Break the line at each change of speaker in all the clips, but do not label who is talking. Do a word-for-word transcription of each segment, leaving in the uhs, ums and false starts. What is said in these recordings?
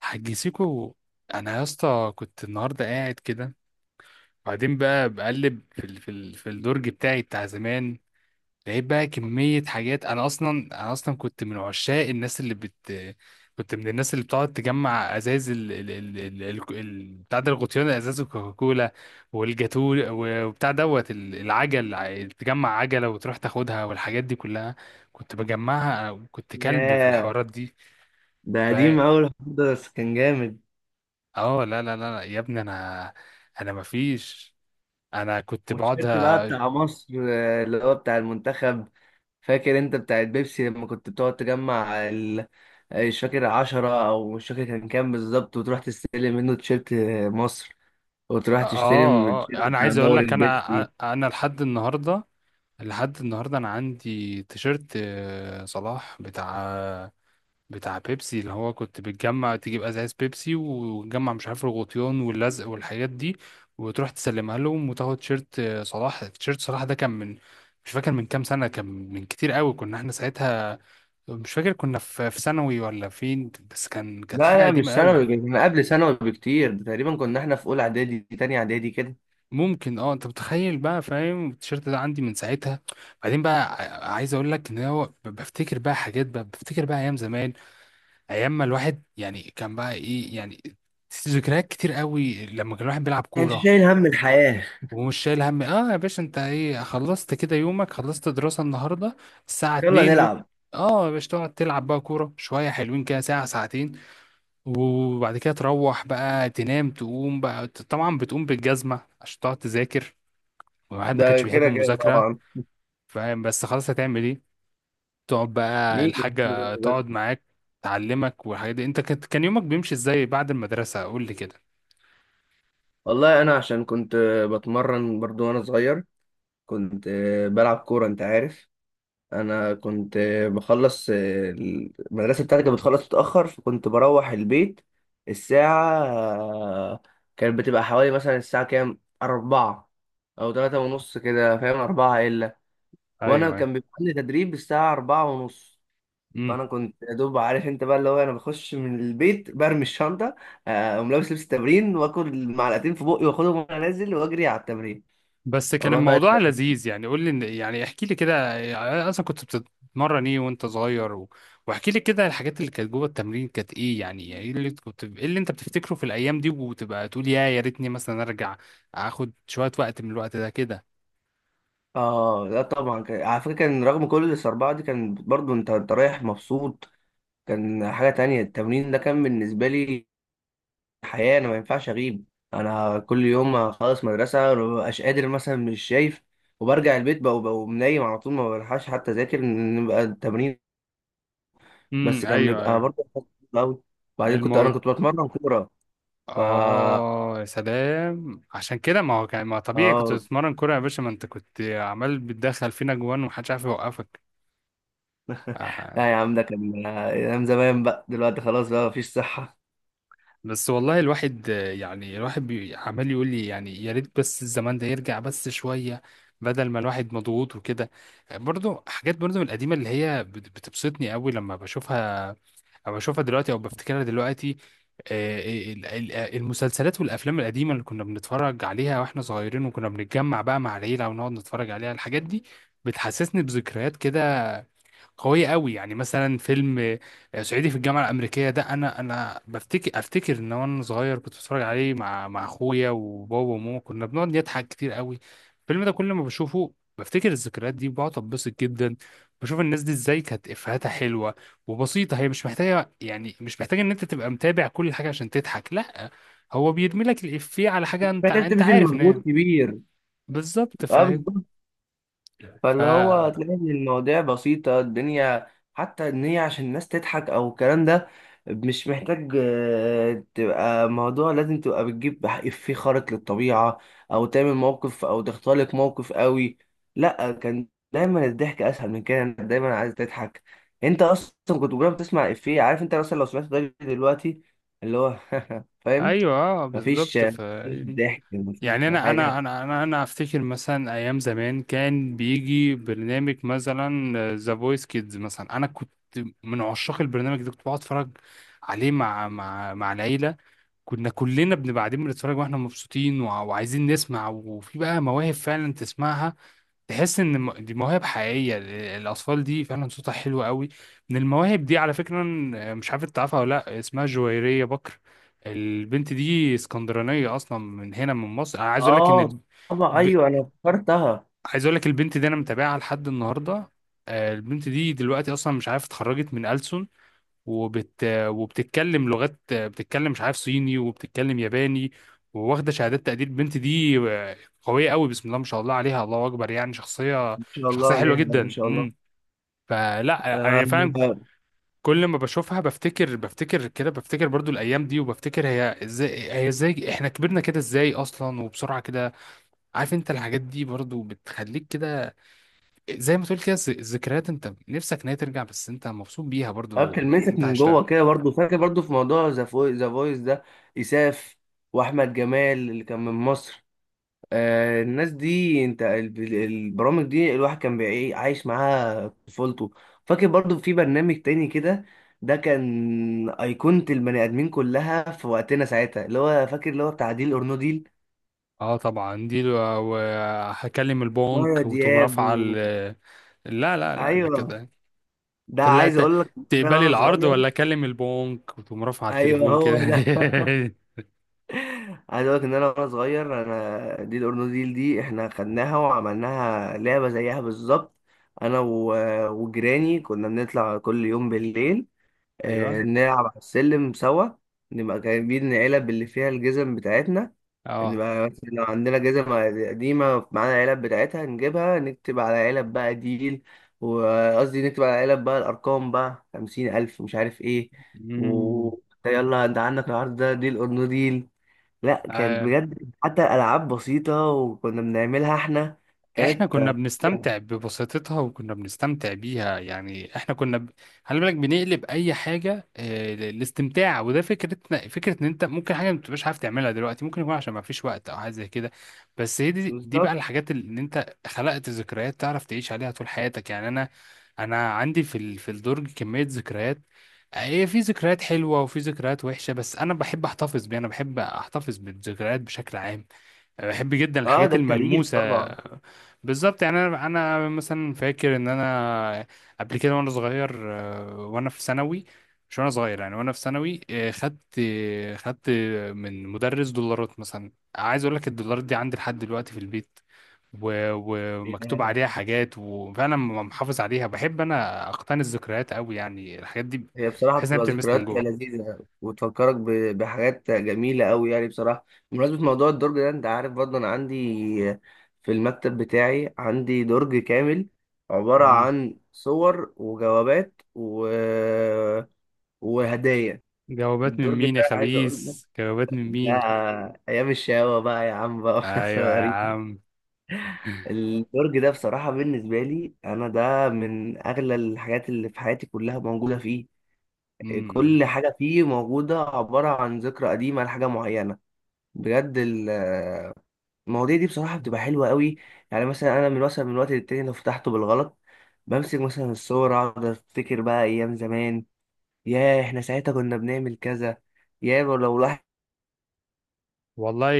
حاج سيكو، انا يا اسطى كنت النهارده قاعد كده. وبعدين بقى بقلب في ال... في ال... في الدرج بتاعي بتاع زمان. لقيت بقى كميه حاجات. انا اصلا انا اصلا كنت من عشاق الناس اللي بت كنت من الناس اللي بتقعد تجمع ازاز ال ال ال ال ال- ال- بتاع ده الغطيان، ازاز الكوكاكولا والجاتو. و- وبتاع دوت ال- العجل، ع- تجمع عجله وتروح تاخدها والحاجات دي كلها. كنت بجمعها، كنت كلب في
ياه،
الحوارات دي.
ده قديم أوي الحوار ده، بس كان جامد.
اه لا لا لا لا، يا ابني انا. انا ما فيش. انا كنت بقعد ه-
والتيشيرت بقى بتاع مصر، آه، اللي هو بتاع المنتخب. فاكر انت بتاع البيبسي لما كنت بتقعد تجمع ال... آه، مش فاكر عشرة أو مش فاكر كان كام بالظبط، وتروح تستلم منه تيشيرت، آه، مصر. وتروح تشتري من
اه
التيشيرت
اه انا
بتاع
عايز اقول
دوري
لك، انا
البيبسي.
انا لحد النهارده، لحد النهارده انا عندي تيشيرت آه، صلاح بتاع، بتاع بيبسي، اللي هو كنت بتجمع تجيب ازاز بيبسي وتجمع مش عارف الغطيان واللزق والحاجات دي وتروح تسلمها لهم وتاخد تيشيرت آه، صلاح. تيشيرت صلاح ده كان من، مش فاكر من كام سنه، كان من كتير قوي. كنا احنا ساعتها مش فاكر كنا في في ثانوي ولا فين، بس كان كانت
لا
حاجه
لا، مش
قديمه قوي.
ثانوي، كان قبل ثانوي بكتير، ده تقريبا كنا احنا في أولى إعدادي تانية إعدادي كده.
ممكن. اه انت متخيل بقى، فاهم؟ التيشيرت ده عندي من ساعتها. بعدين بقى ع- عايز اقول لك ان هو ب- بفتكر بقى حاجات، بقى بفتكر بقى ايام زمان، ايام ما الواحد يعني كان بقى ايه يعني. ذكريات كتير قوي لما كان الواحد بيلعب
كانش
كوره.
شايل هم الحياة.
ومش شايل هم. اه يا باشا، انت ايه خلصت كده يومك، خلصت دراسه النهارده الساعه
يلا
اتنين ممكن؟
نلعب.
اه يا باشا، تقعد تلعب بقى كوره شويه حلوين كده ساعه ساعتين وبعد كده تروح بقى تنام. تقوم بقى طبعا بتقوم بالجزمة عشان تقعد تذاكر، والواحد ما
ده
كانش بيحب
كده كده
المذاكرة.
طبعا.
فاهم؟ بس خلاص، هتعمل ايه. تقعد بقى
مين يحب
الحاجة تقعد
المذاكرة؟
معاك تعلمك والحاجات دي. انت كنت- كان يومك بيمشي ازاي بعد المدرسة؟ قول لي كده.
والله انا عشان كنت بتمرن برضو وانا صغير، كنت بلعب كوره، انت عارف. انا كنت بخلص المدرسه بتاعتي، كانت بتخلص متاخر، فكنت بروح البيت الساعه، كانت بتبقى حوالي مثلا الساعه كام، أربعة أو تلاتة ونص كده، فاهم، أربعة إلا. وأنا
ايوه،
كان بيبقى عندي تدريب الساعة أربعة ونص.
ايوه.
فانا كنت يا دوب، عارف انت بقى، اللي هو انا بخش من البيت برمي الشنطه، آه، اقوم لابس لبس التمرين واكل معلقتين في بقي واخدهم وانا نازل واجري على التمرين.
بس كان
اروح بقى
الموضوع
التمرين.
لذيذ يعني. قول لي إن- يعني احكي لي كده، يعني اصلا كنت بتتمرن ايه وانت صغير و... واحكي لي كده الحاجات اللي كانت جوه التمرين كانت ايه يعني. يعني ايه اللي كنت، ايه اللي انت بتفتكره في الايام دي وتبقى تقول يا يا ريتني مثلا ارجع اخد شوية وقت من الوقت ده كده.
اه لا طبعا، كان- على فكره كان رغم كل الصربعه دي كان برضو انت انت رايح مبسوط. كان حاجه تانية التمرين ده، كان بالنسبه لي حياه، انا ما ينفعش اغيب. انا كل يوم اخلص مدرسه ما ببقاش قادر مثلا مش شايف، وبرجع البيت بقى وبقى نايم على طول، ما بلحقش حتى اذاكر نبقى التمرين. بس
امم،
كان
ايوه،
بيبقى
ايوه.
برضه قوي. بعدين كنت انا
الموضوع.
كنت بتمرن كوره. ف
اه يا سلام، عشان كده. ما هو كان ما طبيعي كنت
اه
بتتمرن كوره يا باشا، ما انت كنت عمال بتدخل فينا جوان ومحدش عارف يوقفك. آه.
لا يا عم، ده كان ايام زمان بقى، دلوقتي خلاص بقى مفيش صحه.
بس والله الواحد يعني، الواحد بي- عمال يقول لي يعني يا ريت بس الزمان ده يرجع بس شوية، بدل ما الواحد مضغوط وكده. برضو حاجات برضو من القديمة اللي هي بت- بتبسطني قوي لما بشوفها او بشوفها دلوقتي او بفتكرها دلوقتي. آه. ال- ال- المسلسلات والافلام القديمة اللي كنا بنتفرج عليها واحنا صغيرين وكنا بنتجمع بقى مع العيلة ونقعد نتفرج عليها، الحاجات دي بتحسسني بذكريات كده قوية قوي. يعني مثلا فيلم آه، صعيدي في الجامعة الأمريكية ده، أنا أنا بفتكر، أفتكر إن وأنا صغير كنت بتفرج عليه مع مع أخويا وبابا وماما، كنا بنقعد نضحك كتير قوي. الفيلم ده كل ما بشوفه بفتكر الذكريات دي وبقعد أتبسط جدا. بشوف الناس دي إزاي كانت إفيهاتها حلوة وبسيطة. هي مش محتاجة يعني، مش محتاجة إن أنت تبقى متابع كل حاجة عشان تضحك. لأ، هو بيرمي لك الإفيه على حاجة أنت،
محتاج
أنت
تبذل
عارف إن هي.
مجهود كبير،
بالظبط،
اه.
فاهم.
فاللي هو
فا.
هتلاقي ان المواضيع بسيطة، الدنيا حتى ان هي عشان الناس تضحك او الكلام ده، مش محتاج، آه، تبقى موضوع لازم تبقى بتجيب إفيه خارق للطبيعة او تعمل موقف او تختلق موقف قوي. لا كان دايما الضحك اسهل من كده، إنت دايما عايز تضحك. انت اصلا كنت بجرب تسمع إفيه، عارف انت، مثلا لو سمعت ده دلوقتي اللي هو فاهم،
ايوه، اه
مفيش
بالظبط. فا.
مفيش ضحك،
يعني
مفيش
انا انا
حاجة.
انا انا انا افتكر مثلا ايام زمان كان بيجي برنامج مثلا ذا فويس كيدز مثلا. انا كنت من عشاق البرنامج ده، كنت بقعد اتفرج عليه مع مع مع العيله. كنا كلنا بنبقى قاعدين بنتفرج واحنا مبسوطين وع- وعايزين نسمع. وفي بقى مواهب فعلا تسمعها تحس ان الم- دي مواهب حقيقيه. ال- الاطفال دي فعلا صوتها حلو قوي. من المواهب دي على فكره إن- آه، مش عارف انت عارفها ولا لا، اسمها جويريه بكر. البنت دي اسكندرانيه اصلا من هنا من مصر. انا عايز اقول لك ان
اه
الب...
طبعا
ب...
ايوه انا فكرتها.
عايز اقول لك البنت دي انا متابعها لحد النهارده. آه. البنت دي دلوقتي اصلا مش عارف، اتخرجت من ألسن وبت... وبتتكلم لغات، بتتكلم مش عارف صيني وبتتكلم ياباني وواخده شهادات تقدير. البنت دي آه، قويه قوي، بسم الله ما شاء الله عليها، الله اكبر. يعني شخصيه،
شاء الله
شخصيه حلوه
عليها، ما
جدا.
شاء الله.
امم. فلا انا فعلا
أنا
كل ما بشوفها بفتكر، بفتكر كده بفتكر برضو الايام دي وبفتكر هي ازاي، هي ازاي احنا كبرنا كده ازاي اصلا، وبسرعه كده. عارف انت الحاجات دي برضو بتخليك كده، زي ما تقول كده الذكريات، انت نفسك ان هي ترجع بس انت مبسوط بيها برضو
أكلمتك
انت
من
عشتها.
جوه كده، برضو فاكر برضو في موضوع ذا فوي- ذا فويس ده، إساف وأحمد جمال اللي كان من مصر. آه، الناس دي، أنت، ال- البرامج دي الواحد كان بيعي- عايش معاها طفولته. فاكر برضو في برنامج تاني كده، ده كان أيقونة البني آدمين كلها في وقتنا ساعتها، اللي هو فاكر اللي هو بتاع ديل أور نو ديل.
اه طبعا دي لو- وهكلم
مايا
البنك وتقوم
دياب و...
رافعه ال- لا لا لا، ده
أيوه،
كده
ده عايز
ثلاثة.
أقول لك، ده
تقبلي
وأنا
العرض
صغير،
ولا اكلم البنك، وتقوم رافعه على
أيوه
التليفون
هو
كده
ده. عايز اقول لك ان انا وانا صغير انا، دي الاورنوديل دي احنا خدناها وعملناها لعبه زيها بالظبط. انا و- وجيراني كنا بنطلع كل يوم بالليل، آه،
ايوه،
نلعب على السلم سوا. نبقى جايبين علب اللي فيها الجزم بتاعتنا،
اه.
نبقى مثلا لو عندنا جزم قديمه معانا علب بتاعتها نجيبها، نكتب على علب بقى ديل، وقصدي نكتب على علب بقى الارقام بقى خمسين الف مش عارف ايه. و
امم.
يلا انت عندك العرض ده ديل اورنوديل. لا كانت بجد حتى العاب بسيطه وكنا بنعملها احنا،
احنا
كانت،
كنا
آه، فظيعة.
بنستمتع ببساطتها وكنا بنستمتع بيها، يعني احنا كنا ب... خلي بالك بنقلب اي حاجه آه، ل- للاستمتاع. وده فكرتنا فكره ان انت ممكن حاجه ما بتبقاش عارف تعملها دلوقتي، ممكن يكون عشان ما فيش وقت او حاجه زي كده. بس هي دي دي بقى
بالظبط،
الحاجات اللي ان انت خلقت ذكريات تعرف تعيش عليها طول حياتك. يعني انا، انا عندي في ال... في الدرج كميه ذكريات. هي في ذكريات حلوه وفي ذكريات وحشه، بس انا بحب احتفظ بيها، انا بحب احتفظ بالذكريات بشكل عام. أنا بحب جدا
اه،
الحاجات
ده التاريخ
الملموسة.
طبعا.
بالظبط. يعني انا، انا مثلا فاكر ان انا قبل كده وانا صغير آه، وانا في ثانوي، مش وانا صغير يعني، وانا في ثانوي آه، خدت آه، خدت من مدرس دولارات. مثلا عايز اقول لك الدولارات دي عندي لحد دلوقتي في البيت، و- ومكتوب
يعني
عليها حاجات وفعلا م- محافظ عليها. بحب انا اقتني الذكريات قوي، يعني الحاجات دي
هي بصراحه
بحس انها
بتبقى
بتلمسني من
ذكريات
جوه.
لذيذه وتفكرك ب- بحاجات جميله قوي، يعني بصراحه. بمناسبه موضوع الدرج ده، انت عارف برضه انا عندي في المكتب بتاعي عندي درج كامل عباره
مم.
عن صور وجوابات و... وهدايا.
جوابات من
الدرج ده
مين يا
عايز اقول لك،
خبيث؟ جوابات من
ده
مين؟
ايام الشقاوه بقى يا عم بقى.
ايوه يا عم.
البرج ده بصراحة بالنسبة لي أنا، ده من أغلى الحاجات اللي في حياتي كلها موجودة فيه.
امم.
كل حاجة فيه موجودة عبارة عن ذكرى قديمة لحاجة معينة، بجد. ال- المواضيع دي بصراحة بتبقى حلوة قوي. يعني مثلا أنا من مثلا من وقت للتاني لو فتحته بالغلط، بمسك مثلا الصور أقعد أفتكر بقى أيام زمان. ياه إحنا ساعتها كنا بنعمل كذا، ياه لو الواحد،
والله.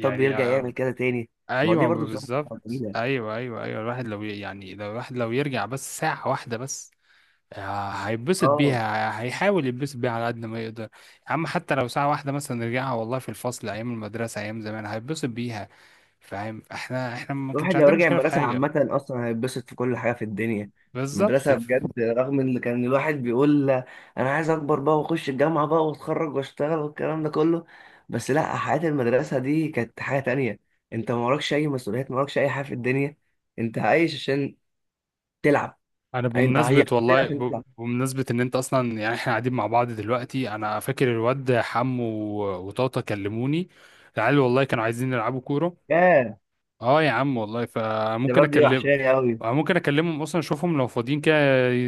طب يرجع يعمل كذا تاني.
ايوه
المواضيع برضو بصراحة
بالظبط،
جميلة.
ايوه، ايوه، ايوه. الواحد لو ي- يعني، لو الواحد لو يرجع بس ساعه واحده بس. آه، هيتبسط
اه
بيها، هيحاول يتبسط بيها على قد ما يقدر يا عم. حتى لو ساعه واحده مثلا نرجعها، والله في الفصل ايام المدرسه ايام زمان، هيتبسط بيها. فاهم؟ احنا، احنا ما
الواحد
كانش
لو
عندنا
رجع
مشكله في
المدرسة
حاجه.
عامة أصلا هيتبسط في كل حاجة في الدنيا.
بالظبط.
المدرسة بجد، رغم إن كان الواحد بيقول أنا عايز أكبر بقى وأخش الجامعة بقى وأتخرج وأشتغل والكلام ده كله، بس لأ، حياة المدرسة دي كانت حاجة تانية. أنت ما وراكش أي مسؤوليات، ما وراكش أي حاجة في الدنيا، أنت عايش عشان تلعب.
انا
أنت عايش
بمناسبة والله
عشان
ب-
تلعب.
بمناسبة ان انت اصلا يعني احنا قاعدين مع بعض دلوقتي، انا فاكر الواد حمو و- وطاطا كلموني. العيال والله كانوا عايزين يلعبوا كورة.
ياه،
اه يا عم والله، فممكن
الشباب دي
اكلم،
وحشاني أوي.
ممكن اكلمهم اصلا اشوفهم لو فاضيين كده،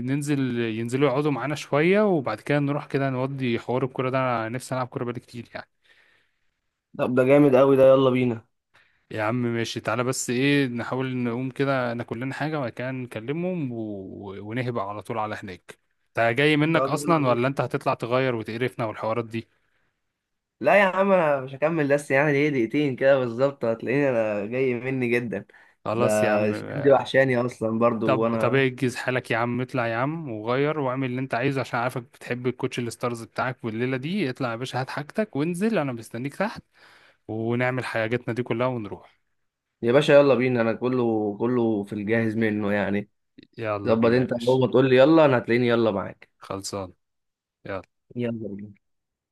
ننزل، ينزلوا يقعدوا معانا شوية وبعد كده نروح كده نودي حوار الكورة ده. انا نفسي العب كورة بقالي كتير يعني.
طب ده جامد أوي ده، يلا بينا.
يا عم ماشي، تعالى بس ايه، نحاول نقوم كده ناكل لنا حاجة وبعد كده نكلمهم و... و- ونهبق على طول على هناك. انت جاي منك
طب يلا
اصلا
بينا.
ولا انت هتطلع تغير وتقرفنا والحوارات دي؟
لا يا عم انا مش هكمل، بس يعني ايه دقيقتين كده بالظبط هتلاقيني انا جاي مني جدا. ده
خلاص يا عم
الشباب دي
آه.
وحشاني اصلا برضو
طب، طب
وانا.
اجهز حالك يا عم، اطلع يا عم وغير واعمل اللي انت عايزه، عشان عارفك بتحب الكوتش الستارز بتاعك والليلة دي. اطلع يا باشا، هات حاجتك وانزل، انا مستنيك تحت ونعمل حاجاتنا دي كلها ونروح.
يا باشا يلا بينا، انا كله كله في الجاهز منه يعني.
يلا
ظبط،
بينا يا
انت
باشا.
اول ما تقول لي يلا انا هتلاقيني يلا معاك.
خلصان. يلا.
يلا بينا.